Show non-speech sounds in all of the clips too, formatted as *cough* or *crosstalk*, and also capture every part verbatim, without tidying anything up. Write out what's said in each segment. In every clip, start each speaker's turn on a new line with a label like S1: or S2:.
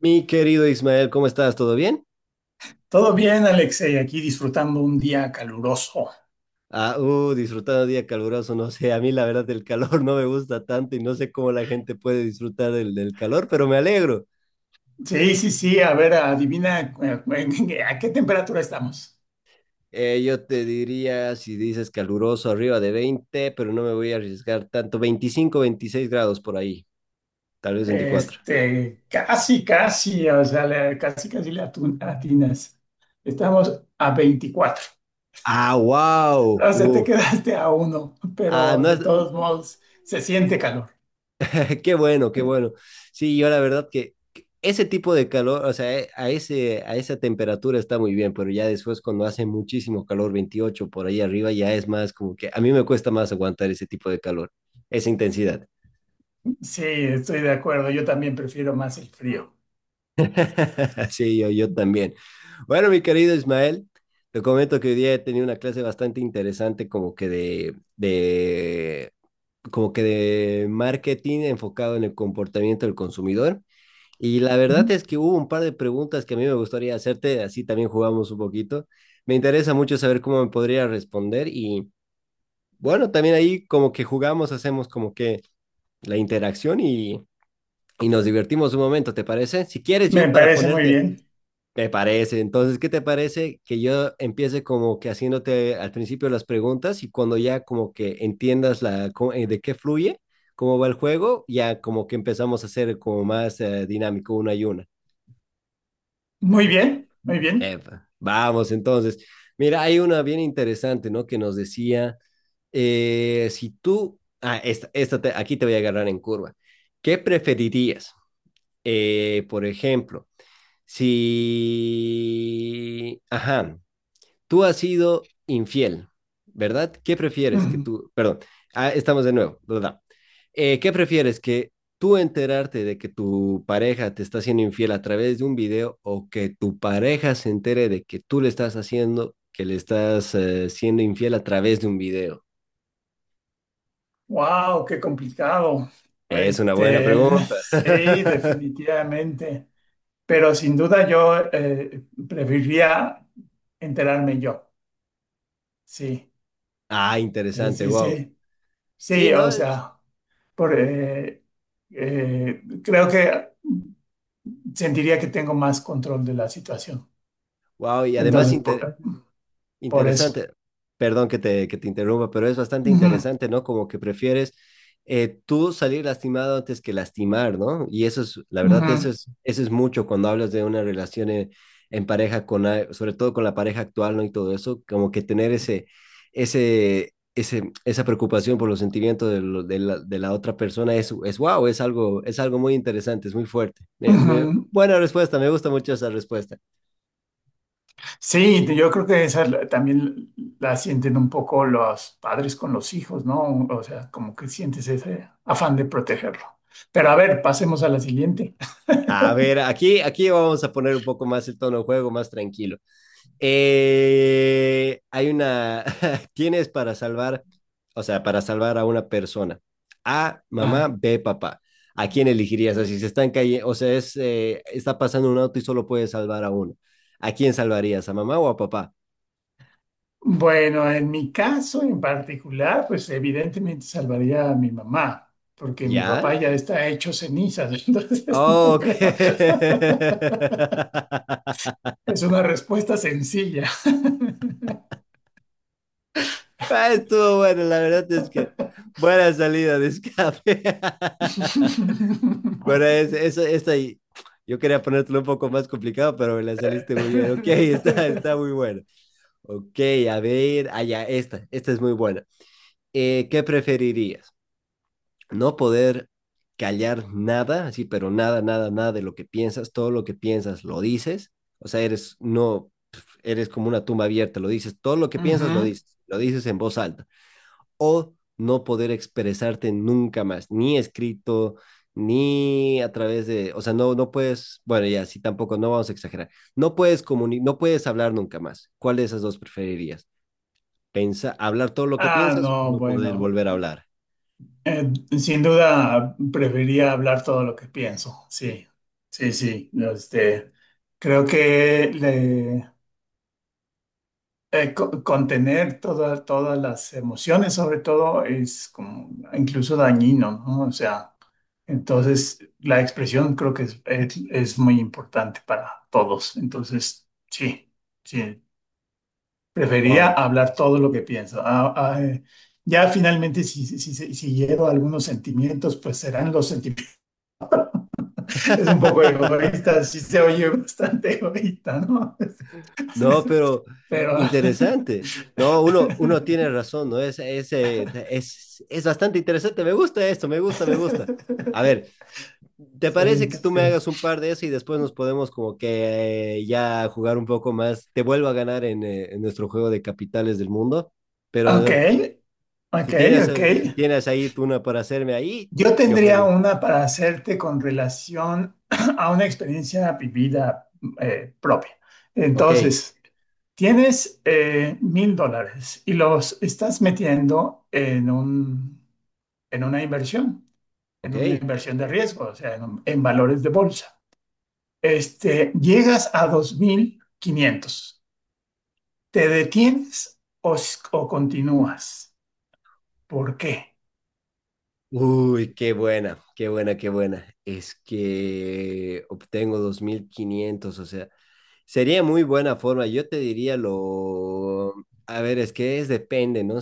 S1: Mi querido Ismael, ¿cómo estás? ¿Todo bien?
S2: Todo bien, Alex, eh, aquí disfrutando un día caluroso.
S1: Ah, uh, disfrutando de día caluroso, no sé, a mí la verdad el calor no me gusta tanto y no sé cómo la gente puede disfrutar del, del calor, pero me alegro.
S2: Sí, sí, sí, a ver, adivina eh, *laughs* a qué temperatura estamos.
S1: Eh, yo te diría, si dices caluroso, arriba de veinte, pero no me voy a arriesgar tanto, veinticinco, veintiséis grados por ahí, tal vez veinticuatro.
S2: Este, casi, casi, o sea, le- casi, casi le atu- atinas. Estamos a veinticuatro.
S1: Ah, wow,
S2: O sea, te *laughs*
S1: uf.
S2: quedaste a uno,
S1: Ah,
S2: pero
S1: no
S2: de
S1: es.
S2: todos modos se siente calor.
S1: *laughs* Qué bueno, qué bueno. Sí, yo la verdad que que ese tipo de calor, o sea, eh, a ese, a esa temperatura está muy bien, pero ya después cuando hace muchísimo calor, veintiocho por ahí arriba, ya es más como que a mí me cuesta más aguantar ese tipo de calor, esa intensidad.
S2: Sí, estoy de acuerdo. Yo también prefiero más el frío.
S1: *laughs* Sí, yo, yo también. Bueno, mi querido Ismael, te comento que hoy día he tenido una clase bastante interesante como que de, de, como que de marketing enfocado en el comportamiento del consumidor. Y la
S2: Ujú.
S1: verdad es que hubo un par de preguntas que a mí me gustaría hacerte, así también jugamos un poquito. Me interesa mucho saber cómo me podría responder y bueno, también ahí como que jugamos, hacemos como que la interacción y, y nos divertimos un momento, ¿te parece? Si quieres
S2: Me
S1: yo para
S2: parece muy
S1: ponerte,
S2: bien.
S1: me parece. Entonces, ¿qué te parece que yo empiece como que haciéndote al principio las preguntas y cuando ya como que entiendas la, co- eh, de qué fluye, cómo va el juego, ya como que empezamos a hacer como más eh, dinámico una y una?
S2: Muy bien, muy bien.
S1: Epa, vamos entonces. Mira, hay una bien interesante, ¿no? Que nos decía, eh, si tú, ah, esta, esta te- aquí te voy a agarrar en curva. ¿Qué preferirías? Eh, por ejemplo, si, ajá, tú has sido infiel, ¿verdad? ¿Qué prefieres que
S2: Ujú.
S1: tú, perdón, ah, estamos de nuevo, ¿verdad? Eh, ¿Qué prefieres que tú enterarte de que tu pareja te está haciendo infiel a través de un video o que tu pareja se entere de que tú le estás haciendo, que le estás eh, siendo infiel a través de un video?
S2: Wow, qué complicado.
S1: Es una buena
S2: Este, *laughs*
S1: pregunta.
S2: sí,
S1: *laughs*
S2: definitivamente. Pero sin duda yo eh, preferiría enterarme yo. Sí,
S1: Ah,
S2: sí,
S1: interesante,
S2: sí,
S1: wow.
S2: sí.
S1: Sí,
S2: Sí,
S1: ¿no?
S2: o
S1: Es,
S2: sea, por, eh, eh, creo que sentiría que tengo más control de la situación.
S1: wow, y además
S2: Entonces,
S1: inter-
S2: por, por eso.
S1: Interesante. Perdón que te, que te interrumpa, pero es bastante
S2: Ujú,
S1: interesante, ¿no? Como que prefieres eh, tú salir lastimado antes que lastimar, ¿no? Y eso es, la verdad,
S2: ujú,
S1: eso es, eso es mucho cuando hablas de una relación en, en pareja, con, a- sobre todo con la pareja actual, ¿no? Y todo eso, como que tener ese, ese, ese, esa preocupación por los sentimientos de, lo- de la, de la otra persona es, es wow, es algo, es algo muy interesante, es muy fuerte. Me- me-
S2: ujú.
S1: buena respuesta, me gusta mucho esa respuesta.
S2: Sí, yo creo que esa la- también la sienten un poco los padres con los hijos, ¿no? O sea, como que sientes ese afán de protegerlo. Pero a ver, pasemos a la siguiente.
S1: A ver, aquí, aquí vamos a poner un poco más el tono de juego, más tranquilo. Eh, hay una, *laughs* tienes para salvar, o sea, para salvar a una persona. A, mamá,
S2: Ah,
S1: B, papá. ¿A quién elegirías? O sea, si se están cayendo, o sea, es, eh, está pasando un auto y solo puedes salvar a uno. ¿A quién salvarías? ¿A mamá o a papá?
S2: bueno, en mi caso en particular, pues evidentemente salvaría a mi mamá, porque mi
S1: ¿Ya?
S2: papá ya está hecho cenizas, *laughs* entonces
S1: Oh,
S2: no
S1: ok.
S2: creo.
S1: *laughs*
S2: Es una respuesta sencilla.
S1: Ah, estuvo bueno, la verdad es que buena
S2: *laughs*
S1: salida de escape. *laughs*
S2: *laughs*
S1: Bueno, es, es- esta y- yo quería ponértelo un poco más complicado, pero me la saliste muy bien. Ok, *laughs* está, está, muy buena. Ok, a ver, allá, esta, esta es muy buena. Eh, ¿qué preferirías? ¿No poder callar nada, así, pero nada, nada, nada de lo que piensas, todo lo que piensas lo dices? O sea, eres, no, eres como una tumba abierta, lo dices, todo lo que piensas lo
S2: Ujú.
S1: dices, lo dices en voz alta o no poder expresarte nunca más, ni escrito, ni a través de, o sea, no, no puedes, bueno, ya, sí, tampoco, no vamos a exagerar, no puedes comuni no puedes hablar nunca más. ¿Cuál de esas dos preferirías? Pensa, ¿Hablar todo lo que
S2: Ah,
S1: piensas o
S2: no,
S1: no poder
S2: bueno.
S1: volver a hablar?
S2: Eh, Sin duda preferiría hablar todo lo que pienso. Sí, sí, sí. Este, creo que le- eh, co- contener toda- todas las emociones, sobre todo, es como incluso dañino, ¿no? O sea, entonces la expresión creo que es, es- es muy importante para todos. Entonces, sí, sí. Prefería
S1: Wow.
S2: hablar todo lo que pienso. Ah, ah, eh, ya finalmente, si, si, si, si hiero algunos sentimientos, pues serán los sentimientos. *laughs* Es un poco
S1: *laughs*
S2: egoísta, sí se oye bastante egoísta, ¿no?
S1: No, pero
S2: *laughs* Pero. *laughs*
S1: interesante. No, uno, uno tiene razón, ¿no? Es, es, eh, es, es bastante interesante. Me gusta esto, me gusta, me gusta. A ver, ¿te
S2: Sí,
S1: parece que tú me
S2: sí.
S1: hagas un par de eso y después nos podemos como que eh, ya jugar un poco más? Te vuelvo a ganar en, eh, en nuestro juego de capitales del mundo,
S2: Ok,
S1: pero eh,
S2: ok,
S1: si tienes,
S2: ok.
S1: eh, si tienes ahí tú una para hacerme ahí,
S2: Yo
S1: yo
S2: tendría
S1: feliz.
S2: una para hacerte con relación *clears throat* a una experiencia vivida eh, propia.
S1: Ok,
S2: Entonces. Tienes eh, mil dólares y los estás metiendo en un, en una inversión, en una
S1: ok.
S2: inversión de riesgo, o sea, en, un- en valores de bolsa. Este, llegas a dos mil quinientos. ¿Te detienes o, s- o continúas? ¿Por qué?
S1: Uy, qué buena, qué buena, qué buena. Es que obtengo dos mil quinientos, o sea, sería muy buena forma. Yo te diría lo. A ver, es que es depende, ¿no?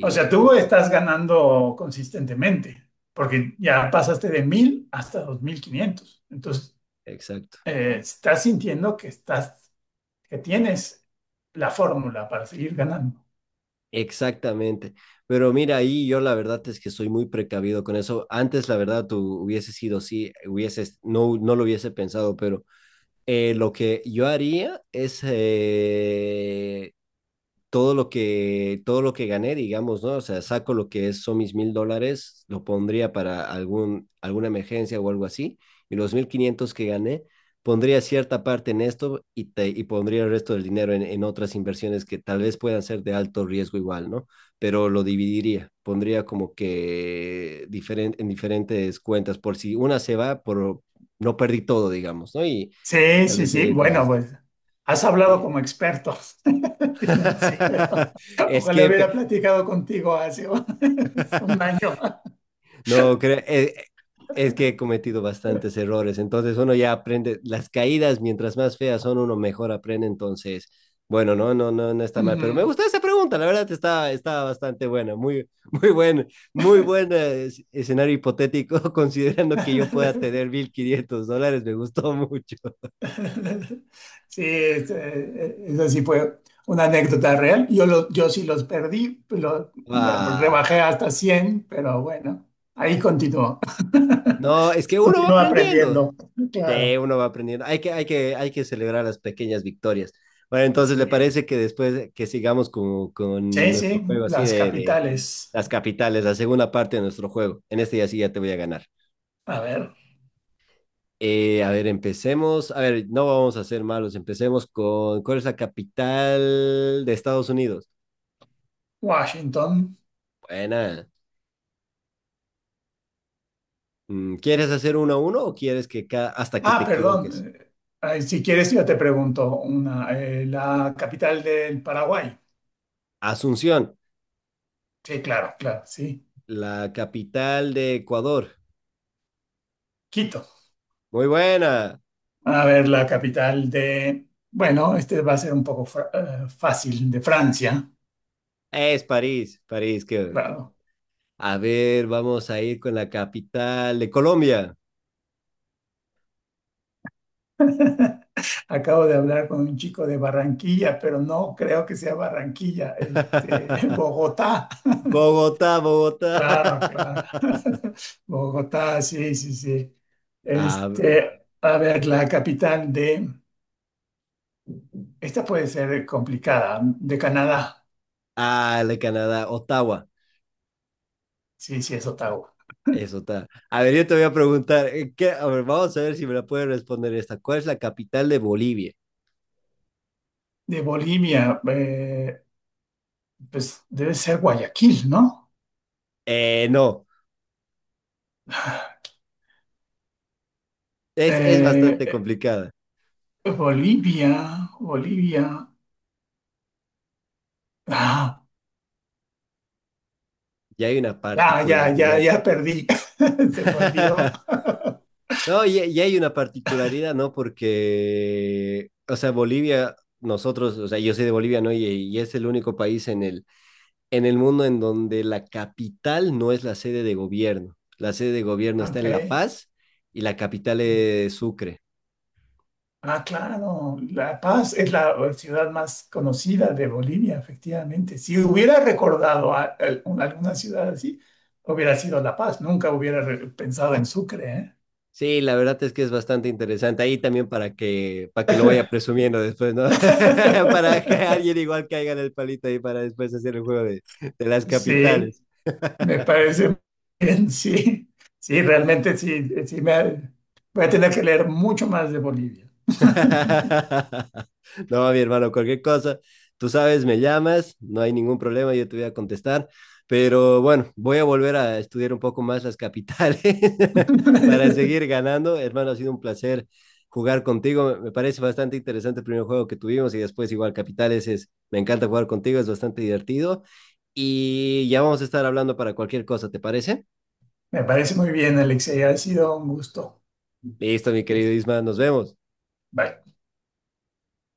S2: O sea, tú estás ganando consistentemente, porque ya pasaste de mil hasta dos mil quinientos. Entonces,
S1: Exacto.
S2: eh, estás sintiendo que estás, que tienes la fórmula para seguir ganando.
S1: Exactamente. Pero mira, ahí yo la verdad es que soy muy precavido con eso. Antes, la verdad, tú hubiese sido sí, hubieses, no, no lo hubiese pensado, pero eh, lo que yo haría es eh, todo lo que, todo lo que gané, digamos, ¿no? O sea, saco lo que es, son mis mil dólares, lo pondría para algún, alguna emergencia o algo así, y los mil quinientos que gané, pondría cierta parte en esto y, te, y pondría el resto del dinero en, en, otras inversiones que tal vez puedan ser de alto riesgo igual, ¿no? Pero lo dividiría, pondría como que diferen, en diferentes cuentas, por si una se va, por no perdí todo, digamos, ¿no? Y, y
S2: Sí,
S1: tal
S2: sí,
S1: vez
S2: sí.
S1: seguir
S2: Bueno,
S1: consistente.
S2: pues has hablado como experto *laughs* financiero.
S1: *laughs* es
S2: Ojalá
S1: que
S2: hubiera
S1: pe-
S2: platicado contigo hace un *laughs* un
S1: *laughs*
S2: año.
S1: No, cre- eh, es que he cometido bastantes errores, entonces uno ya aprende las caídas, mientras más feas son, uno mejor aprende, entonces, bueno, no, no, no, no está mal, pero me
S2: Ujú.
S1: gustó esa pregunta, la verdad está, está, bastante buena, muy, *laughs* muy buen, muy buen eh, es- escenario hipotético, *laughs* considerando que yo pueda tener
S2: *laughs*
S1: mil quinientos dólares, me gustó *laughs* mucho.
S2: Sí, es, eh, esa sí fue una anécdota real. Yo, lo- yo sí los perdí, lo, bueno,
S1: Ah,
S2: rebajé hasta cien, pero bueno, ahí continuó. *laughs*
S1: no, es que uno va
S2: Continúo
S1: aprendiendo.
S2: aprendiendo,
S1: Sí,
S2: claro.
S1: uno va aprendiendo. Hay que, hay que, hay que celebrar las pequeñas victorias. Bueno, entonces,
S2: Sí,
S1: ¿le parece que después que sigamos con, con
S2: sí,
S1: nuestro
S2: sí,
S1: juego así
S2: las
S1: de, de
S2: capitales.
S1: las capitales, la segunda parte de nuestro juego? En este ya sí ya te voy a ganar.
S2: A ver.
S1: Eh, a ver, empecemos. A ver, no vamos a ser malos. Empecemos con, ¿cuál es la capital de Estados Unidos?
S2: Washington.
S1: Buena. Mm, ¿Quieres hacer uno a uno o quieres que ca- hasta que te
S2: Ah,
S1: equivoques?
S2: perdón. eh, ay, si quieres, yo te pregunto una. eh, la capital del Paraguay.
S1: Asunción,
S2: Sí, claro, claro, sí.
S1: la capital de Ecuador.
S2: Quito.
S1: Muy buena.
S2: A ver, la capital de... Bueno, este va a ser un poco fra- eh, fácil, de Francia.
S1: Es París, París, que
S2: Claro.
S1: A ver, vamos a ir con la capital de Colombia.
S2: *laughs* Acabo de hablar con un chico de Barranquilla, pero no creo que sea Barranquilla, este, *laughs*
S1: *laughs*
S2: Bogotá.
S1: Bogotá, Bogotá.
S2: Claro, claro.
S1: *laughs*
S2: *laughs* Bogotá, sí, sí, sí.
S1: Ah,
S2: Este, a ver, la capital de, esta puede ser complicada, de Canadá,
S1: ah, la de Canadá, Ottawa.
S2: sí, sí, es Ottawa.
S1: Eso está. A ver, yo te voy a preguntar, eh, ¿qué? A ver, vamos a ver si me la puedes responder esta. ¿Cuál es la capital de Bolivia?
S2: De Bolivia, eh, pues debe ser Guayaquil, ¿no?
S1: Eh, no,
S2: *laughs*
S1: es, es
S2: Eh,
S1: bastante
S2: eh,
S1: complicada.
S2: Bolivia, Bolivia. Ah,
S1: Ya hay una
S2: ya, ya, ya,
S1: particularidad.
S2: ya perdí. *laughs* Se me olvidó.
S1: *laughs* No, y, y hay una particularidad, ¿no? Porque, o sea, Bolivia, nosotros, o sea, yo soy de Bolivia, ¿no? Y, y es el único país en el, en el mundo en donde la capital no es la sede de gobierno. La sede de gobierno está en La
S2: Ok.
S1: Paz y la capital es Sucre.
S2: Ah, claro, La Paz es la eh, ciudad más conocida de Bolivia, efectivamente. Si hubiera recordado a- a- una- alguna ciudad así, hubiera sido La Paz. Nunca hubiera re- pensado en Sucre, ¿eh?
S1: Sí, la verdad es que es bastante interesante. Ahí también para que, para que lo vaya presumiendo después, ¿no? *laughs* para que
S2: *laughs*
S1: alguien igual caiga en el palito ahí para después hacer el juego de, de las
S2: Sí,
S1: capitales.
S2: me parece bien, sí. Sí, realmente sí, sí me ha- voy a tener que leer mucho más de Bolivia.
S1: *laughs* No, mi hermano, cualquier cosa, tú sabes, me llamas, no hay ningún problema, yo te voy a contestar, pero bueno, voy a volver a estudiar un poco más las capitales *laughs* para
S2: *laughs*
S1: seguir ganando. Hermano, ha sido un placer jugar contigo, me parece bastante interesante el primer juego que tuvimos y después igual capitales es, me encanta jugar contigo, es bastante divertido y ya vamos a estar hablando para cualquier cosa, ¿te parece?
S2: Me parece muy bien, Alexei. Ha sido un gusto.
S1: Listo, mi querido Isma, nos vemos.
S2: Bye.